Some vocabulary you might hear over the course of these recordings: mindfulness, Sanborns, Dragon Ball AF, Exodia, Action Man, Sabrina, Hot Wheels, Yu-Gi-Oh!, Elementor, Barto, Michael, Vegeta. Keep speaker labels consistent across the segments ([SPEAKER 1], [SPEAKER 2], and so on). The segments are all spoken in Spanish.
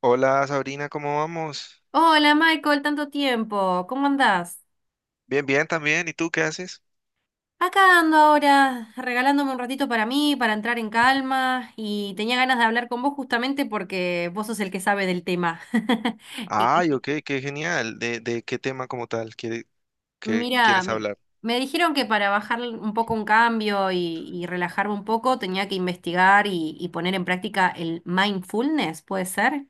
[SPEAKER 1] Hola Sabrina, ¿cómo vamos?
[SPEAKER 2] Hola Michael, tanto tiempo, ¿cómo andás?
[SPEAKER 1] Bien, bien también. ¿Y tú qué haces?
[SPEAKER 2] Acá ando ahora regalándome un ratito para mí, para entrar en calma y tenía ganas de hablar con vos justamente porque vos sos el que sabe del tema. Y-
[SPEAKER 1] Ay,
[SPEAKER 2] y-
[SPEAKER 1] ok, qué genial. ¿De qué tema como tal quiere- que
[SPEAKER 2] Mira,
[SPEAKER 1] quieres hablar?
[SPEAKER 2] me dijeron que para bajar un poco un cambio y relajarme un poco tenía que investigar y poner en práctica el mindfulness, ¿puede ser?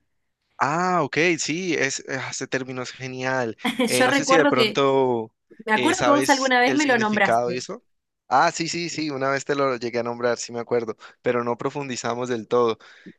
[SPEAKER 1] Ah, ok, sí, es, ah, ese término es genial.
[SPEAKER 2] Yo
[SPEAKER 1] No sé si de
[SPEAKER 2] recuerdo que,
[SPEAKER 1] pronto
[SPEAKER 2] me acuerdo que vos
[SPEAKER 1] sabes
[SPEAKER 2] alguna vez
[SPEAKER 1] el
[SPEAKER 2] me lo
[SPEAKER 1] significado de
[SPEAKER 2] nombraste.
[SPEAKER 1] eso. Ah, sí, sí, sí, una vez te lo llegué a nombrar, sí me acuerdo, pero no profundizamos del todo.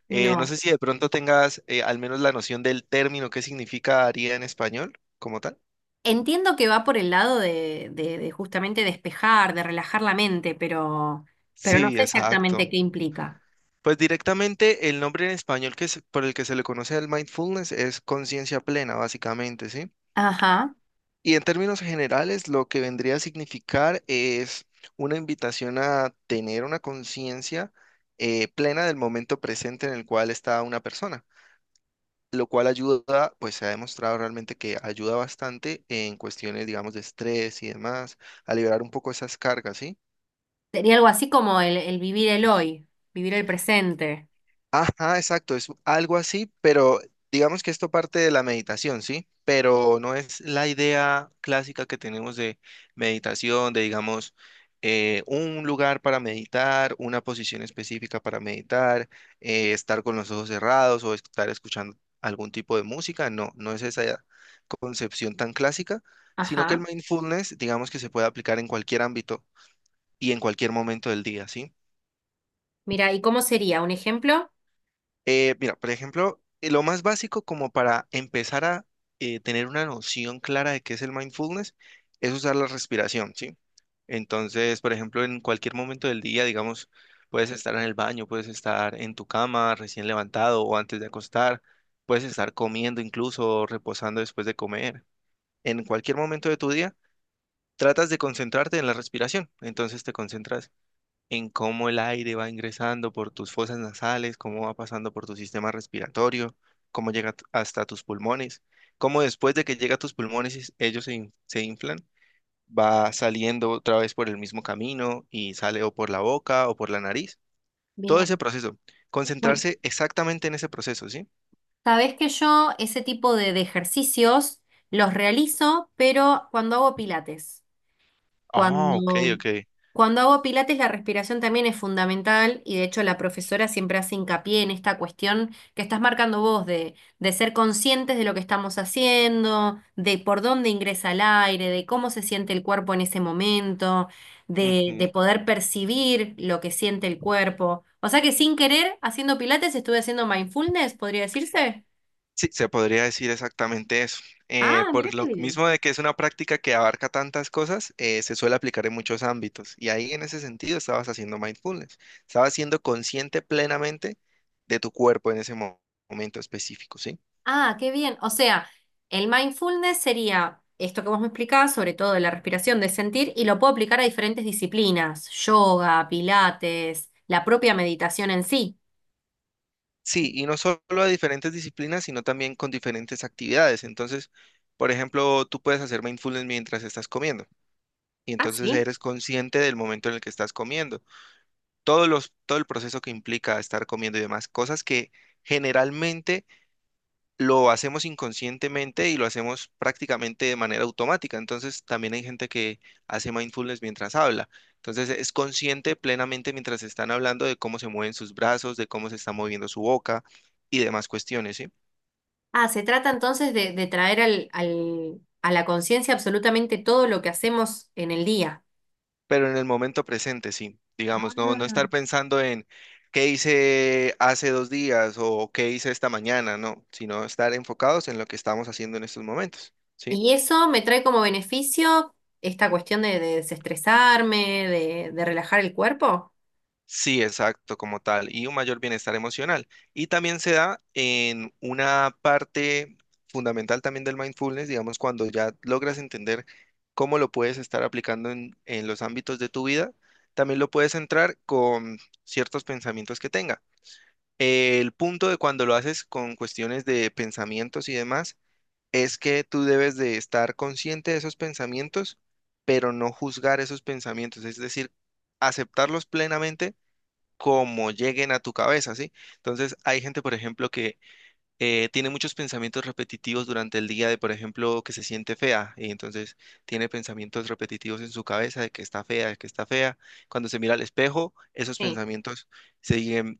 [SPEAKER 1] No
[SPEAKER 2] No.
[SPEAKER 1] sé si de pronto tengas al menos la noción del término, qué significaría en español como tal.
[SPEAKER 2] Entiendo que va por el lado de, de justamente despejar, de relajar la mente, pero no
[SPEAKER 1] Sí,
[SPEAKER 2] sé exactamente
[SPEAKER 1] exacto.
[SPEAKER 2] qué implica.
[SPEAKER 1] Pues directamente el nombre en español que por el que se le conoce al mindfulness es conciencia plena, básicamente, ¿sí?
[SPEAKER 2] Ajá.
[SPEAKER 1] Y en términos generales, lo que vendría a significar es una invitación a tener una conciencia plena del momento presente en el cual está una persona, lo cual ayuda, pues se ha demostrado realmente que ayuda bastante en cuestiones, digamos, de estrés y demás, a liberar un poco esas cargas, ¿sí?
[SPEAKER 2] Sería algo así como el vivir el hoy, vivir el presente.
[SPEAKER 1] Ajá, exacto, es algo así, pero digamos que esto parte de la meditación, ¿sí? Pero no es la idea clásica que tenemos de meditación, de digamos, un lugar para meditar, una posición específica para meditar, estar con los ojos cerrados o estar escuchando algún tipo de música, no, no es esa concepción tan clásica, sino que el
[SPEAKER 2] Ajá.
[SPEAKER 1] mindfulness, digamos que se puede aplicar en cualquier ámbito y en cualquier momento del día, ¿sí?
[SPEAKER 2] Mira, ¿y cómo sería? ¿Un ejemplo?
[SPEAKER 1] Mira, por ejemplo, lo más básico como para empezar a tener una noción clara de qué es el mindfulness es usar la respiración, ¿sí? Entonces, por ejemplo, en cualquier momento del día, digamos, puedes estar en el baño, puedes estar en tu cama recién levantado o antes de acostar, puedes estar comiendo incluso o reposando después de comer. En cualquier momento de tu día, tratas de concentrarte en la respiración. Entonces te concentras en cómo el aire va ingresando por tus fosas nasales, cómo va pasando por tu sistema respiratorio, cómo llega hasta tus pulmones, cómo después de que llega a tus pulmones ellos se inflan, va saliendo otra vez por el mismo camino y sale o por la boca o por la nariz. Todo ese
[SPEAKER 2] Bien.
[SPEAKER 1] proceso.
[SPEAKER 2] Bueno,
[SPEAKER 1] Concentrarse exactamente en ese proceso, ¿sí?
[SPEAKER 2] sabés que yo ese tipo de ejercicios los realizo, pero cuando hago pilates.
[SPEAKER 1] Ah, ok,
[SPEAKER 2] Cuando,
[SPEAKER 1] ok.
[SPEAKER 2] cuando hago pilates, la respiración también es fundamental y de hecho la profesora siempre hace hincapié en esta cuestión que estás marcando vos de ser conscientes de lo que estamos haciendo, de por dónde ingresa el aire, de cómo se siente el cuerpo en ese momento, de
[SPEAKER 1] Ujú.
[SPEAKER 2] poder percibir lo que siente el cuerpo. O sea que sin querer, haciendo pilates, estuve haciendo mindfulness, podría decirse.
[SPEAKER 1] Sí, se podría decir exactamente eso.
[SPEAKER 2] Ah, mira
[SPEAKER 1] Por
[SPEAKER 2] qué
[SPEAKER 1] lo
[SPEAKER 2] bien.
[SPEAKER 1] mismo de que es una práctica que abarca tantas cosas, se suele aplicar en muchos ámbitos. Y ahí en ese sentido estabas haciendo mindfulness, estabas siendo consciente plenamente de tu cuerpo en ese momento específico, ¿sí?
[SPEAKER 2] Ah, qué bien. O sea, el mindfulness sería esto que vos me explicabas, sobre todo de la respiración, de sentir, y lo puedo aplicar a diferentes disciplinas, yoga, pilates, la propia meditación en sí.
[SPEAKER 1] Sí, y no solo a diferentes disciplinas, sino también con diferentes actividades. Entonces, por ejemplo, tú puedes hacer mindfulness mientras estás comiendo. Y
[SPEAKER 2] Ah,
[SPEAKER 1] entonces
[SPEAKER 2] sí.
[SPEAKER 1] eres consciente del momento en el que estás comiendo todo el proceso que implica estar comiendo y demás, cosas que generalmente lo hacemos inconscientemente y lo hacemos prácticamente de manera automática. Entonces, también hay gente que hace mindfulness mientras habla. Entonces, es consciente plenamente mientras están hablando de cómo se mueven sus brazos, de cómo se está moviendo su boca y demás cuestiones, ¿sí?
[SPEAKER 2] Ah, se trata entonces de traer al, a la conciencia absolutamente todo lo que hacemos en el día.
[SPEAKER 1] Pero en el momento presente, sí. Digamos, no, no
[SPEAKER 2] Ah.
[SPEAKER 1] estar pensando en qué hice hace dos días o qué hice esta mañana, no, sino estar enfocados en lo que estamos haciendo en estos momentos, ¿sí?
[SPEAKER 2] Y eso me trae como beneficio esta cuestión de desestresarme, de relajar el cuerpo.
[SPEAKER 1] Sí, exacto, como tal, y un mayor bienestar emocional. Y también se da en una parte fundamental también del mindfulness, digamos, cuando ya logras entender cómo lo puedes estar aplicando en los ámbitos de tu vida, también lo puedes entrar con ciertos pensamientos que tenga. El punto de cuando lo haces con cuestiones de pensamientos y demás es que tú debes de estar consciente de esos pensamientos, pero no juzgar esos pensamientos, es decir, aceptarlos plenamente como lleguen a tu cabeza, ¿sí? Entonces, hay gente, por ejemplo, que tiene muchos pensamientos repetitivos durante el día de, por ejemplo, que se siente fea y entonces tiene pensamientos repetitivos en su cabeza de que está fea, de que está fea. Cuando se mira al espejo, esos pensamientos siguen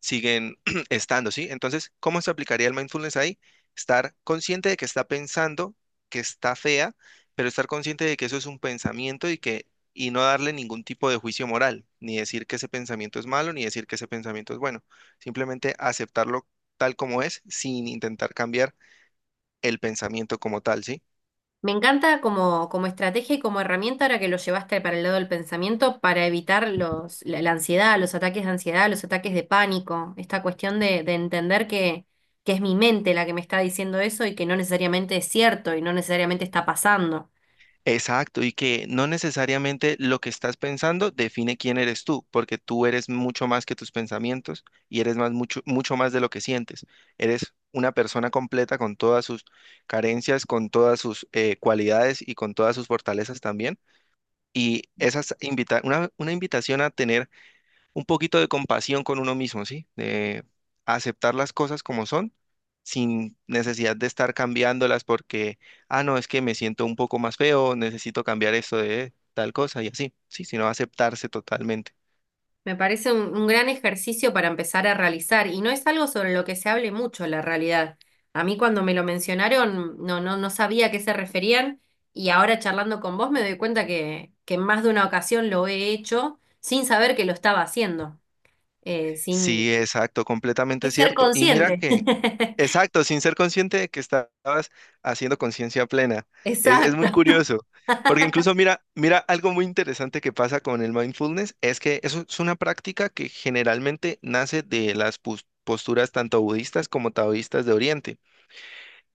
[SPEAKER 1] siguen estando, ¿sí? Entonces, ¿cómo se aplicaría el mindfulness ahí? Estar consciente de que está pensando, que está fea, pero estar consciente de que eso es un pensamiento y no darle ningún tipo de juicio moral, ni decir que ese pensamiento es malo, ni decir que ese pensamiento es bueno. Simplemente aceptarlo tal como es, sin intentar cambiar el pensamiento como tal, ¿sí?
[SPEAKER 2] Me encanta como, como estrategia y como herramienta ahora que lo llevaste para el lado del pensamiento para evitar la, la ansiedad, los ataques de ansiedad, los ataques de pánico, esta cuestión de entender que es mi mente la que me está diciendo eso y que no necesariamente es cierto y no necesariamente está pasando.
[SPEAKER 1] Exacto, y que no necesariamente lo que estás pensando define quién eres tú, porque tú eres mucho más que tus pensamientos y eres más mucho, mucho más de lo que sientes. Eres una persona completa con todas sus carencias, con todas sus cualidades y con todas sus fortalezas también. Y esas invita una invitación a tener un poquito de compasión con uno mismo, ¿sí? De aceptar las cosas como son, sin necesidad de estar cambiándolas porque, ah, no, es que me siento un poco más feo, necesito cambiar esto de tal cosa y así, sí, sino aceptarse totalmente.
[SPEAKER 2] Me parece un gran ejercicio para empezar a realizar y no es algo sobre lo que se hable mucho, la realidad. A mí cuando me lo mencionaron no sabía a qué se referían y ahora charlando con vos me doy cuenta que en más de una ocasión lo he hecho sin saber que lo estaba haciendo, eh, sin
[SPEAKER 1] Sí, exacto,
[SPEAKER 2] sin
[SPEAKER 1] completamente
[SPEAKER 2] ser
[SPEAKER 1] cierto. Y mira
[SPEAKER 2] consciente.
[SPEAKER 1] que exacto, sin ser consciente de que estabas haciendo conciencia plena. Es muy
[SPEAKER 2] Exacto.
[SPEAKER 1] curioso, porque incluso mira, algo muy interesante que pasa con el mindfulness es que eso es una práctica que generalmente nace de las posturas tanto budistas como taoístas de Oriente.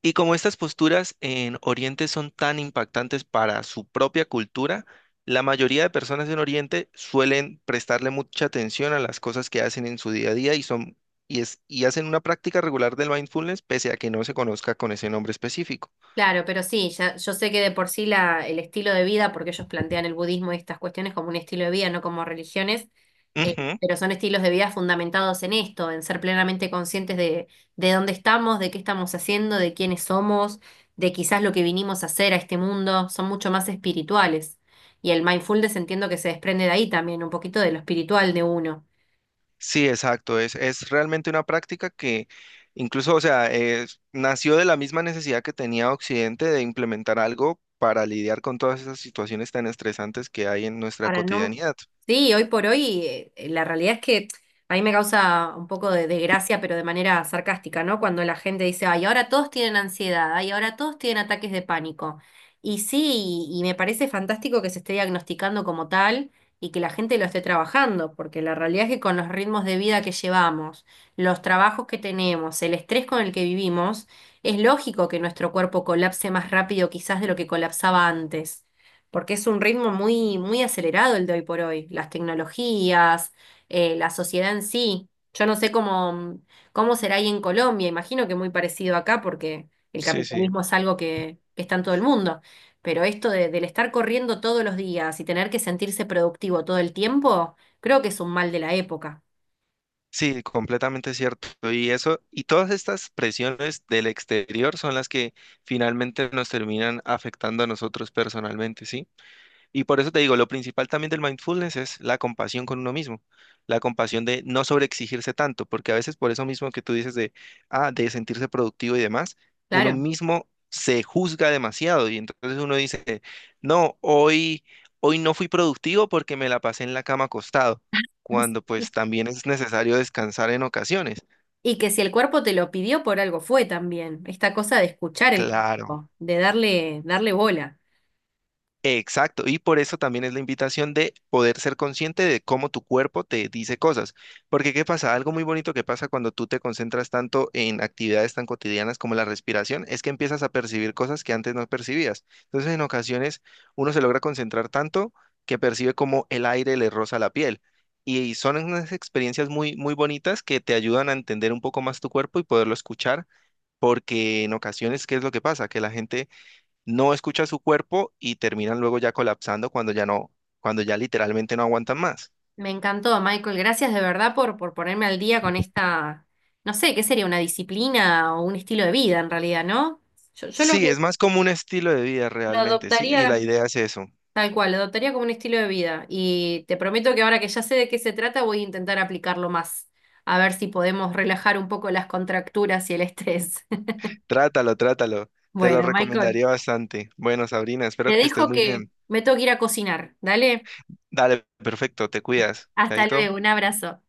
[SPEAKER 1] Y como estas posturas en Oriente son tan impactantes para su propia cultura, la mayoría de personas en Oriente suelen prestarle mucha atención a las cosas que hacen en su día a día y son y es y hacen una práctica regular del mindfulness pese a que no se conozca con ese nombre específico.
[SPEAKER 2] Claro, pero sí, ya, yo sé que de por sí el estilo de vida, porque ellos plantean el budismo y estas cuestiones como un estilo de vida, no como religiones, eh,
[SPEAKER 1] Ujú.
[SPEAKER 2] pero son estilos de vida fundamentados en esto, en ser plenamente conscientes de dónde estamos, de qué estamos haciendo, de quiénes somos, de quizás lo que vinimos a hacer a este mundo, son mucho más espirituales. Y el mindfulness entiendo que se desprende de ahí también, un poquito de lo espiritual de uno.
[SPEAKER 1] Sí, exacto, es realmente una práctica que incluso, o sea, nació de la misma necesidad que tenía Occidente de implementar algo para lidiar con todas esas situaciones tan estresantes que hay en nuestra
[SPEAKER 2] Para no...
[SPEAKER 1] cotidianidad.
[SPEAKER 2] Sí, hoy por hoy la realidad es que a mí me causa un poco de desgracia, pero de manera sarcástica, ¿no? Cuando la gente dice, ay, ahora todos tienen ansiedad, ay, ahora todos tienen ataques de pánico. Y sí, y me parece fantástico que se esté diagnosticando como tal y que la gente lo esté trabajando, porque la realidad es que con los ritmos de vida que llevamos, los trabajos que tenemos, el estrés con el que vivimos, es lógico que nuestro cuerpo colapse más rápido quizás de lo que colapsaba antes porque es un ritmo muy, muy acelerado el de hoy por hoy, las tecnologías, la sociedad en sí. Yo no sé cómo, cómo será ahí en Colombia, imagino que muy parecido acá, porque el
[SPEAKER 1] Sí, sí.
[SPEAKER 2] capitalismo es algo que está en todo el mundo, pero esto del estar corriendo todos los días y tener que sentirse productivo todo el tiempo, creo que es un mal de la época,
[SPEAKER 1] Sí, completamente cierto. Y eso, y todas estas presiones del exterior son las que finalmente nos terminan afectando a nosotros personalmente, ¿sí? Y por eso te digo, lo principal también del mindfulness es la compasión con uno mismo, la compasión de no sobreexigirse tanto, porque a veces por eso mismo que tú dices de, ah, de sentirse productivo y demás, uno
[SPEAKER 2] claro.
[SPEAKER 1] mismo se juzga demasiado y entonces uno dice, no, hoy no fui productivo porque me la pasé en la cama acostado, cuando pues también es necesario descansar en ocasiones.
[SPEAKER 2] Y que si el cuerpo te lo pidió, por algo fue también, esta cosa de escuchar el
[SPEAKER 1] Claro.
[SPEAKER 2] cuerpo, de darle, darle bola.
[SPEAKER 1] Exacto, y por eso también es la invitación de poder ser consciente de cómo tu cuerpo te dice cosas. Porque ¿qué pasa? Algo muy bonito que pasa cuando tú te concentras tanto en actividades tan cotidianas como la respiración es que empiezas a percibir cosas que antes no percibías. Entonces, en ocasiones uno se logra concentrar tanto que percibe como el aire le roza la piel. Y son unas experiencias muy, muy bonitas que te ayudan a entender un poco más tu cuerpo y poderlo escuchar, porque en ocasiones, ¿qué es lo que pasa? Que la gente no escucha su cuerpo y terminan luego ya colapsando cuando ya no, cuando ya literalmente no aguantan más.
[SPEAKER 2] Me encantó, Michael. Gracias de verdad por ponerme al día con esta, no sé, ¿qué sería? Una disciplina o un estilo de vida en realidad, ¿no? Yo,
[SPEAKER 1] Sí, es más como un estilo de vida
[SPEAKER 2] lo
[SPEAKER 1] realmente, sí, y
[SPEAKER 2] adoptaría
[SPEAKER 1] la idea es eso.
[SPEAKER 2] tal cual, lo adoptaría como un estilo de vida. Y te prometo que ahora que ya sé de qué se trata, voy a intentar aplicarlo más. A ver si podemos relajar un poco las contracturas y el estrés.
[SPEAKER 1] Trátalo, trátalo. Te lo
[SPEAKER 2] Bueno, Michael,
[SPEAKER 1] recomendaría bastante. Bueno, Sabrina,
[SPEAKER 2] te
[SPEAKER 1] espero que estés
[SPEAKER 2] dejo
[SPEAKER 1] muy
[SPEAKER 2] que
[SPEAKER 1] bien.
[SPEAKER 2] me tengo que ir a cocinar. Dale,
[SPEAKER 1] Dale, perfecto, te cuidas.
[SPEAKER 2] hasta
[SPEAKER 1] Chaito.
[SPEAKER 2] luego, un abrazo.